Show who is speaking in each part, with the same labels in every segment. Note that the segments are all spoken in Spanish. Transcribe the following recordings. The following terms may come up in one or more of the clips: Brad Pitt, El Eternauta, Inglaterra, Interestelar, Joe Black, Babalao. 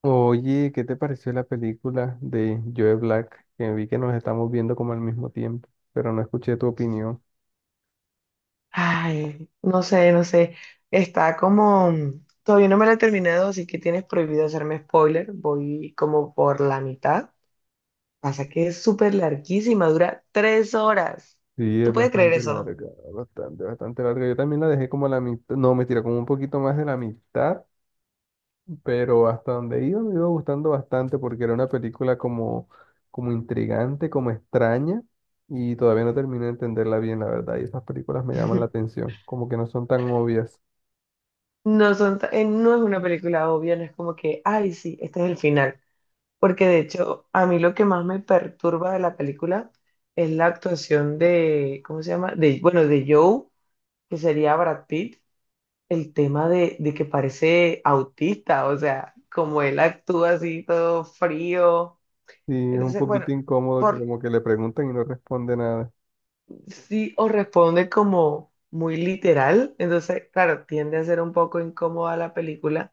Speaker 1: Oye, ¿qué te pareció la película de Joe Black? Que vi que nos estamos viendo como al mismo tiempo, pero no escuché tu opinión.
Speaker 2: Ay, no sé, no sé. Está como. Todavía no me la he terminado, así que tienes prohibido hacerme spoiler. Voy como por la mitad. Pasa que es súper larguísima, dura 3 horas.
Speaker 1: Sí, es
Speaker 2: ¿Tú puedes creer
Speaker 1: bastante
Speaker 2: eso?
Speaker 1: larga, bastante, bastante larga. Yo también la dejé como a la mitad, no, me mentira, como un poquito más de la mitad, pero hasta donde iba me iba gustando bastante porque era una película como, como intrigante, como extraña, y todavía no terminé de entenderla bien, la verdad. Y esas películas me llaman la atención, como que no son tan obvias.
Speaker 2: No es una película obvia, no es como que, ay, sí, este es el final. Porque de hecho, a mí lo que más me perturba de la película es la actuación de, ¿cómo se llama? De, bueno, de Joe, que sería Brad Pitt. El tema de que parece autista, o sea, como él actúa así todo frío.
Speaker 1: Sí, es un
Speaker 2: Entonces, bueno,
Speaker 1: poquito incómodo que
Speaker 2: por
Speaker 1: como que le preguntan y no responde nada.
Speaker 2: sí o responde como muy literal. Entonces, claro, tiende a ser un poco incómoda la película,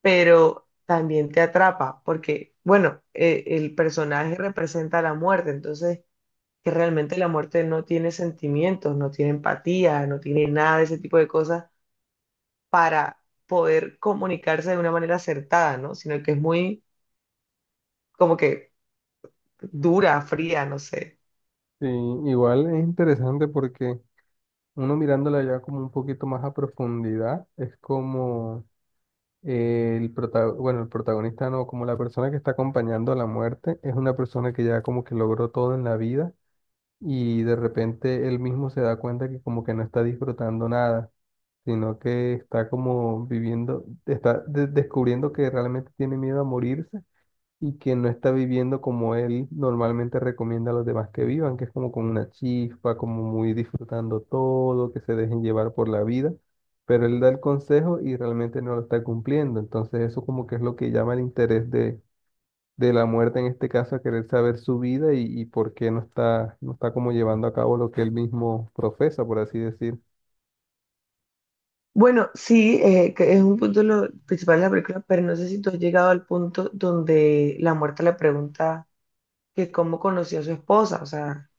Speaker 2: pero también te atrapa, porque, bueno, el personaje representa la muerte. Entonces, que realmente la muerte no tiene sentimientos, no tiene empatía, no tiene nada de ese tipo de cosas, poder comunicarse de una manera acertada, ¿no? Sino que es muy como que dura, fría, no sé.
Speaker 1: Sí, igual es interesante porque uno mirándola ya como un poquito más a profundidad, es como el bueno, el protagonista no, como la persona que está acompañando a la muerte, es una persona que ya como que logró todo en la vida y de repente él mismo se da cuenta que como que no está disfrutando nada, sino que está como viviendo, está descubriendo que realmente tiene miedo a morirse y que no está viviendo como él normalmente recomienda a los demás que vivan, que es como con una chispa, como muy disfrutando todo, que se dejen llevar por la vida, pero él da el consejo y realmente no lo está cumpliendo. Entonces eso como que es lo que llama el interés de la muerte en este caso, a querer saber su vida y por qué no está, no está como llevando a cabo lo que él mismo profesa, por así decir.
Speaker 2: Bueno, sí, que es un punto lo principal de la película, pero no sé si tú has llegado al punto donde la muerta le pregunta que cómo conoció a su esposa. O sea,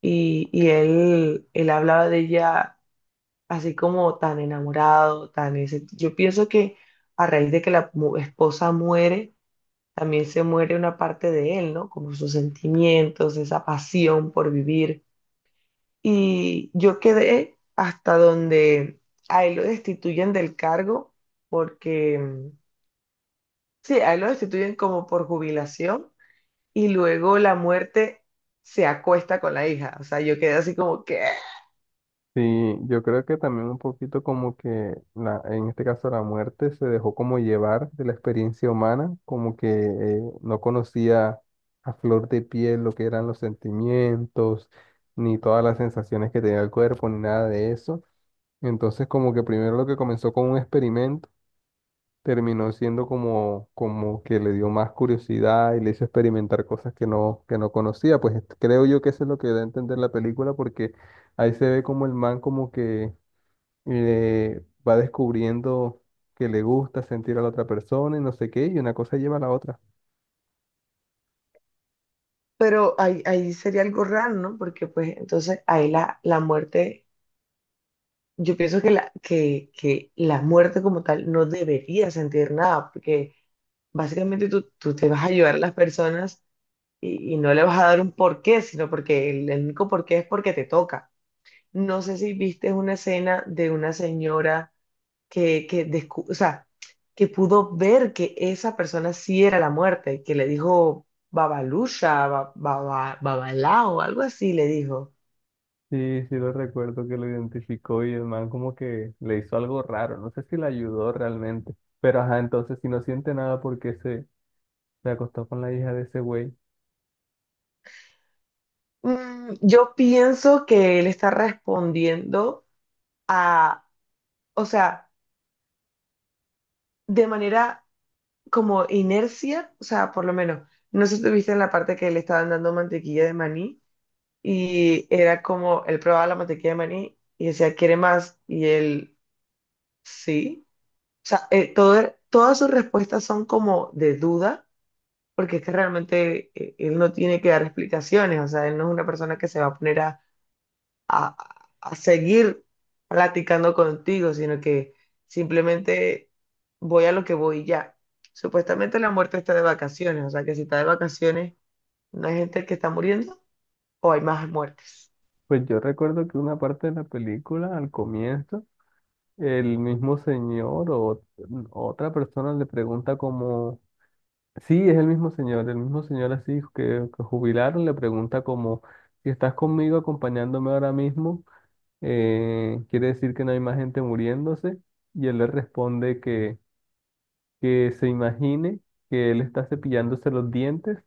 Speaker 2: y él hablaba de ella así como tan enamorado, tan ese. Yo pienso que a raíz de que la esposa muere, también se muere una parte de él, ¿no? Como sus sentimientos, esa pasión por vivir. Y yo quedé hasta donde a él lo destituyen del cargo porque, sí, a él lo destituyen como por jubilación. Y luego la muerte se acuesta con la hija. O sea, yo quedé así como que,
Speaker 1: Sí, yo creo que también un poquito como que la, en este caso la muerte se dejó como llevar de la experiencia humana, como que no conocía a flor de piel lo que eran los sentimientos, ni todas las sensaciones que tenía el cuerpo, ni nada de eso. Entonces como que primero lo que comenzó con un experimento terminó siendo como, como que le dio más curiosidad y le hizo experimentar cosas que no conocía. Pues creo yo que eso es lo que da a entender la película porque ahí se ve como el man como que va descubriendo que le gusta sentir a la otra persona y no sé qué, y una cosa lleva a la otra.
Speaker 2: pero ahí, ahí sería algo raro, ¿no? Porque pues entonces ahí la, la muerte, yo pienso que la muerte como tal no debería sentir nada, porque básicamente tú te vas a ayudar a las personas y no le vas a dar un porqué, sino porque el único porqué es porque te toca. No sé si viste una escena de una señora o sea, que pudo ver que esa persona sí era la muerte, que le dijo Babalusha, Babalao, algo así le dijo.
Speaker 1: Sí, sí lo recuerdo que lo identificó y el man como que le hizo algo raro, no sé si le ayudó realmente, pero ajá, entonces si no siente nada porque se acostó con la hija de ese güey.
Speaker 2: Yo pienso que él está respondiendo a, o sea, de manera como inercia. O sea, por lo menos, no sé si tuviste en la parte que le estaban dando mantequilla de maní. Y era como, él probaba la mantequilla de maní y decía, ¿quiere más? Y él, sí. O sea, todas sus respuestas son como de duda, porque es que realmente, él no tiene que dar explicaciones. O sea, él no es una persona que se va a poner a, a seguir platicando contigo, sino que simplemente voy a lo que voy y ya. Supuestamente la muerte está de vacaciones, o sea, que si está de vacaciones, ¿no hay gente que está muriendo o hay más muertes?
Speaker 1: Pues yo recuerdo que una parte de la película, al comienzo, el mismo señor o otra persona le pregunta como. Sí, es el mismo señor así que jubilaron, le pregunta como, si estás conmigo acompañándome ahora mismo, quiere decir que no hay más gente muriéndose, y él le responde que se imagine que él está cepillándose los dientes,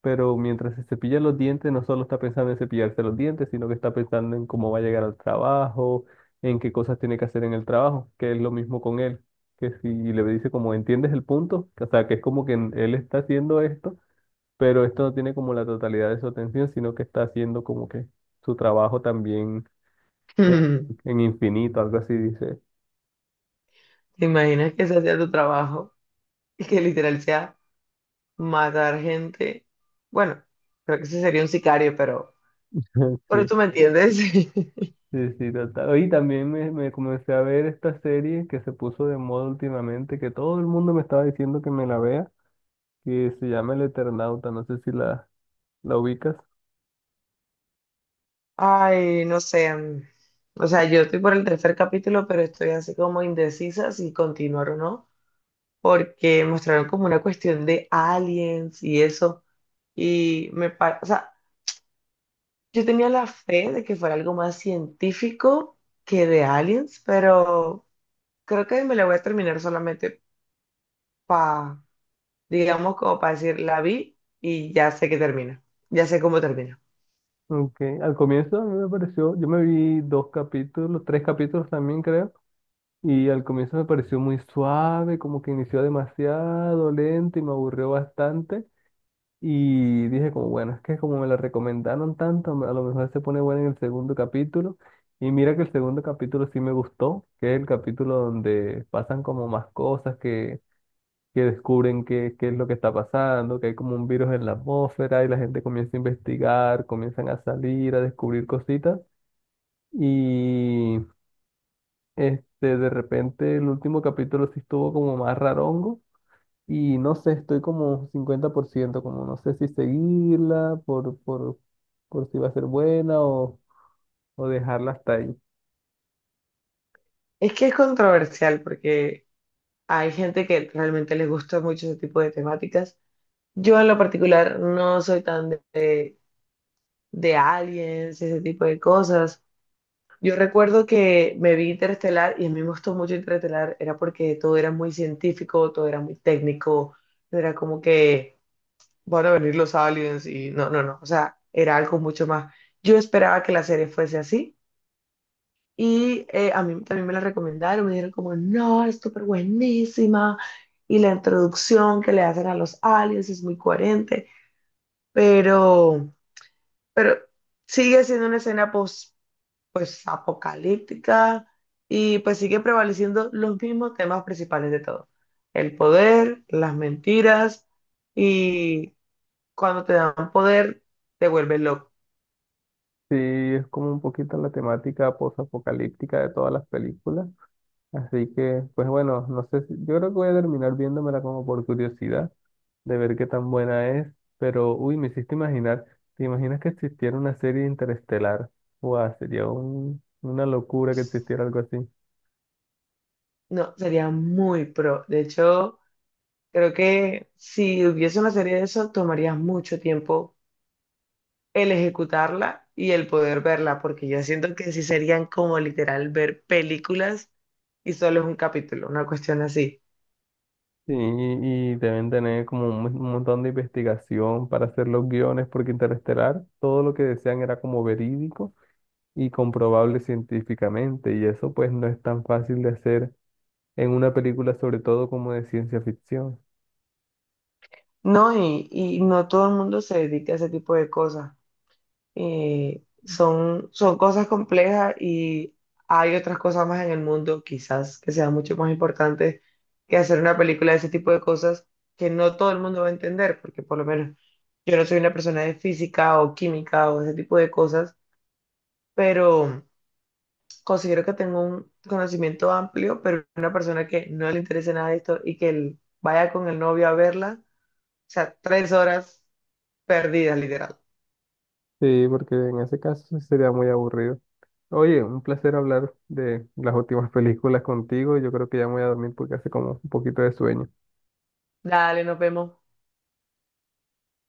Speaker 1: pero mientras se cepilla los dientes no solo está pensando en cepillarse los dientes, sino que está pensando en cómo va a llegar al trabajo, en qué cosas tiene que hacer en el trabajo, que es lo mismo con él, que si le dice como, ¿entiendes el punto? O sea, que es como que él está haciendo esto pero esto no tiene como la totalidad de su atención, sino que está haciendo como que su trabajo también en, en infinito, algo así dice.
Speaker 2: ¿Te imaginas que ese sea tu trabajo y que literal sea matar gente? Bueno, creo que ese sería un sicario, pero, pero
Speaker 1: Sí,
Speaker 2: tú me entiendes.
Speaker 1: sí, sí, total. Y también me comencé a ver esta serie que se puso de moda últimamente, que todo el mundo me estaba diciendo que me la vea, que se llama El Eternauta, no sé si la ubicas.
Speaker 2: Ay, no sé. O sea, yo estoy por el tercer capítulo, pero estoy así como indecisa si continuar o no, porque mostraron como una cuestión de aliens y eso. O sea, yo tenía la fe de que fuera algo más científico que de aliens, pero creo que me la voy a terminar solamente para, digamos, como para decir, la vi y ya sé que termina, ya sé cómo termina.
Speaker 1: Aunque al comienzo a mí me pareció, yo me vi dos capítulos, tres capítulos también creo. Y al comienzo me pareció muy suave, como que inició demasiado lento y me aburrió bastante. Y dije como, bueno, es que como me la recomendaron tanto, a lo mejor se pone buena en el segundo capítulo. Y mira que el segundo capítulo sí me gustó, que es el capítulo donde pasan como más cosas, que descubren qué, qué es lo que está pasando, que hay como un virus en la atmósfera y la gente comienza a investigar, comienzan a salir, a descubrir cositas. Y este, de repente el último capítulo sí estuvo como más rarongo y no sé, estoy como 50%, como no sé si seguirla por si va a ser buena o dejarla hasta ahí.
Speaker 2: Es que es controversial porque hay gente que realmente les gusta mucho ese tipo de temáticas. Yo en lo particular no soy tan de aliens, ese tipo de cosas. Yo recuerdo que me vi Interestelar y a mí me gustó mucho Interestelar, era porque todo era muy científico, todo era muy técnico. No era como que van a venir los aliens y no, no, no, o sea, era algo mucho más. Yo esperaba que la serie fuese así. Y a mí también me la recomendaron, me dijeron como, no, es súper buenísima. Y la introducción que le hacen a los aliens es muy coherente, pero, pero, sigue siendo una escena post, pues apocalíptica. Y pues sigue prevaleciendo los mismos temas principales de todo. El poder, las mentiras, y cuando te dan poder te vuelves loco.
Speaker 1: Sí, es como un poquito la temática posapocalíptica de todas las películas. Así que, pues bueno, no sé yo creo que voy a terminar viéndomela como por curiosidad, de ver qué tan buena es, pero uy, me hiciste imaginar, ¿te imaginas que existiera una serie interestelar? Guau, sería una locura que existiera algo así.
Speaker 2: No, sería muy pro. De hecho. Creo que si hubiese una serie de eso, tomaría mucho tiempo el ejecutarla y el poder verla, porque yo siento que sí serían como literal ver películas y solo es un capítulo, una cuestión así.
Speaker 1: Sí, y deben tener como un, un montón de investigación para hacer los guiones, porque Interestelar, todo lo que decían era como verídico y comprobable científicamente, y eso pues no es tan fácil de hacer en una película, sobre todo como de ciencia ficción.
Speaker 2: No, y no todo el mundo se dedica a ese tipo de cosas. Son cosas complejas, y hay otras cosas más en el mundo, quizás, que sean mucho más importantes que hacer una película de ese tipo de cosas que no todo el mundo va a entender, porque por lo menos yo no soy una persona de física o química o ese tipo de cosas, pero considero que tengo un conocimiento amplio, pero una persona que no le interese nada de esto y que él vaya con el novio a verla, o sea, 3 horas perdidas, literal.
Speaker 1: Sí, porque en ese caso sí sería muy aburrido. Oye, un placer hablar de las últimas películas contigo. Yo creo que ya me voy a dormir porque hace como un poquito de sueño.
Speaker 2: Dale, nos vemos.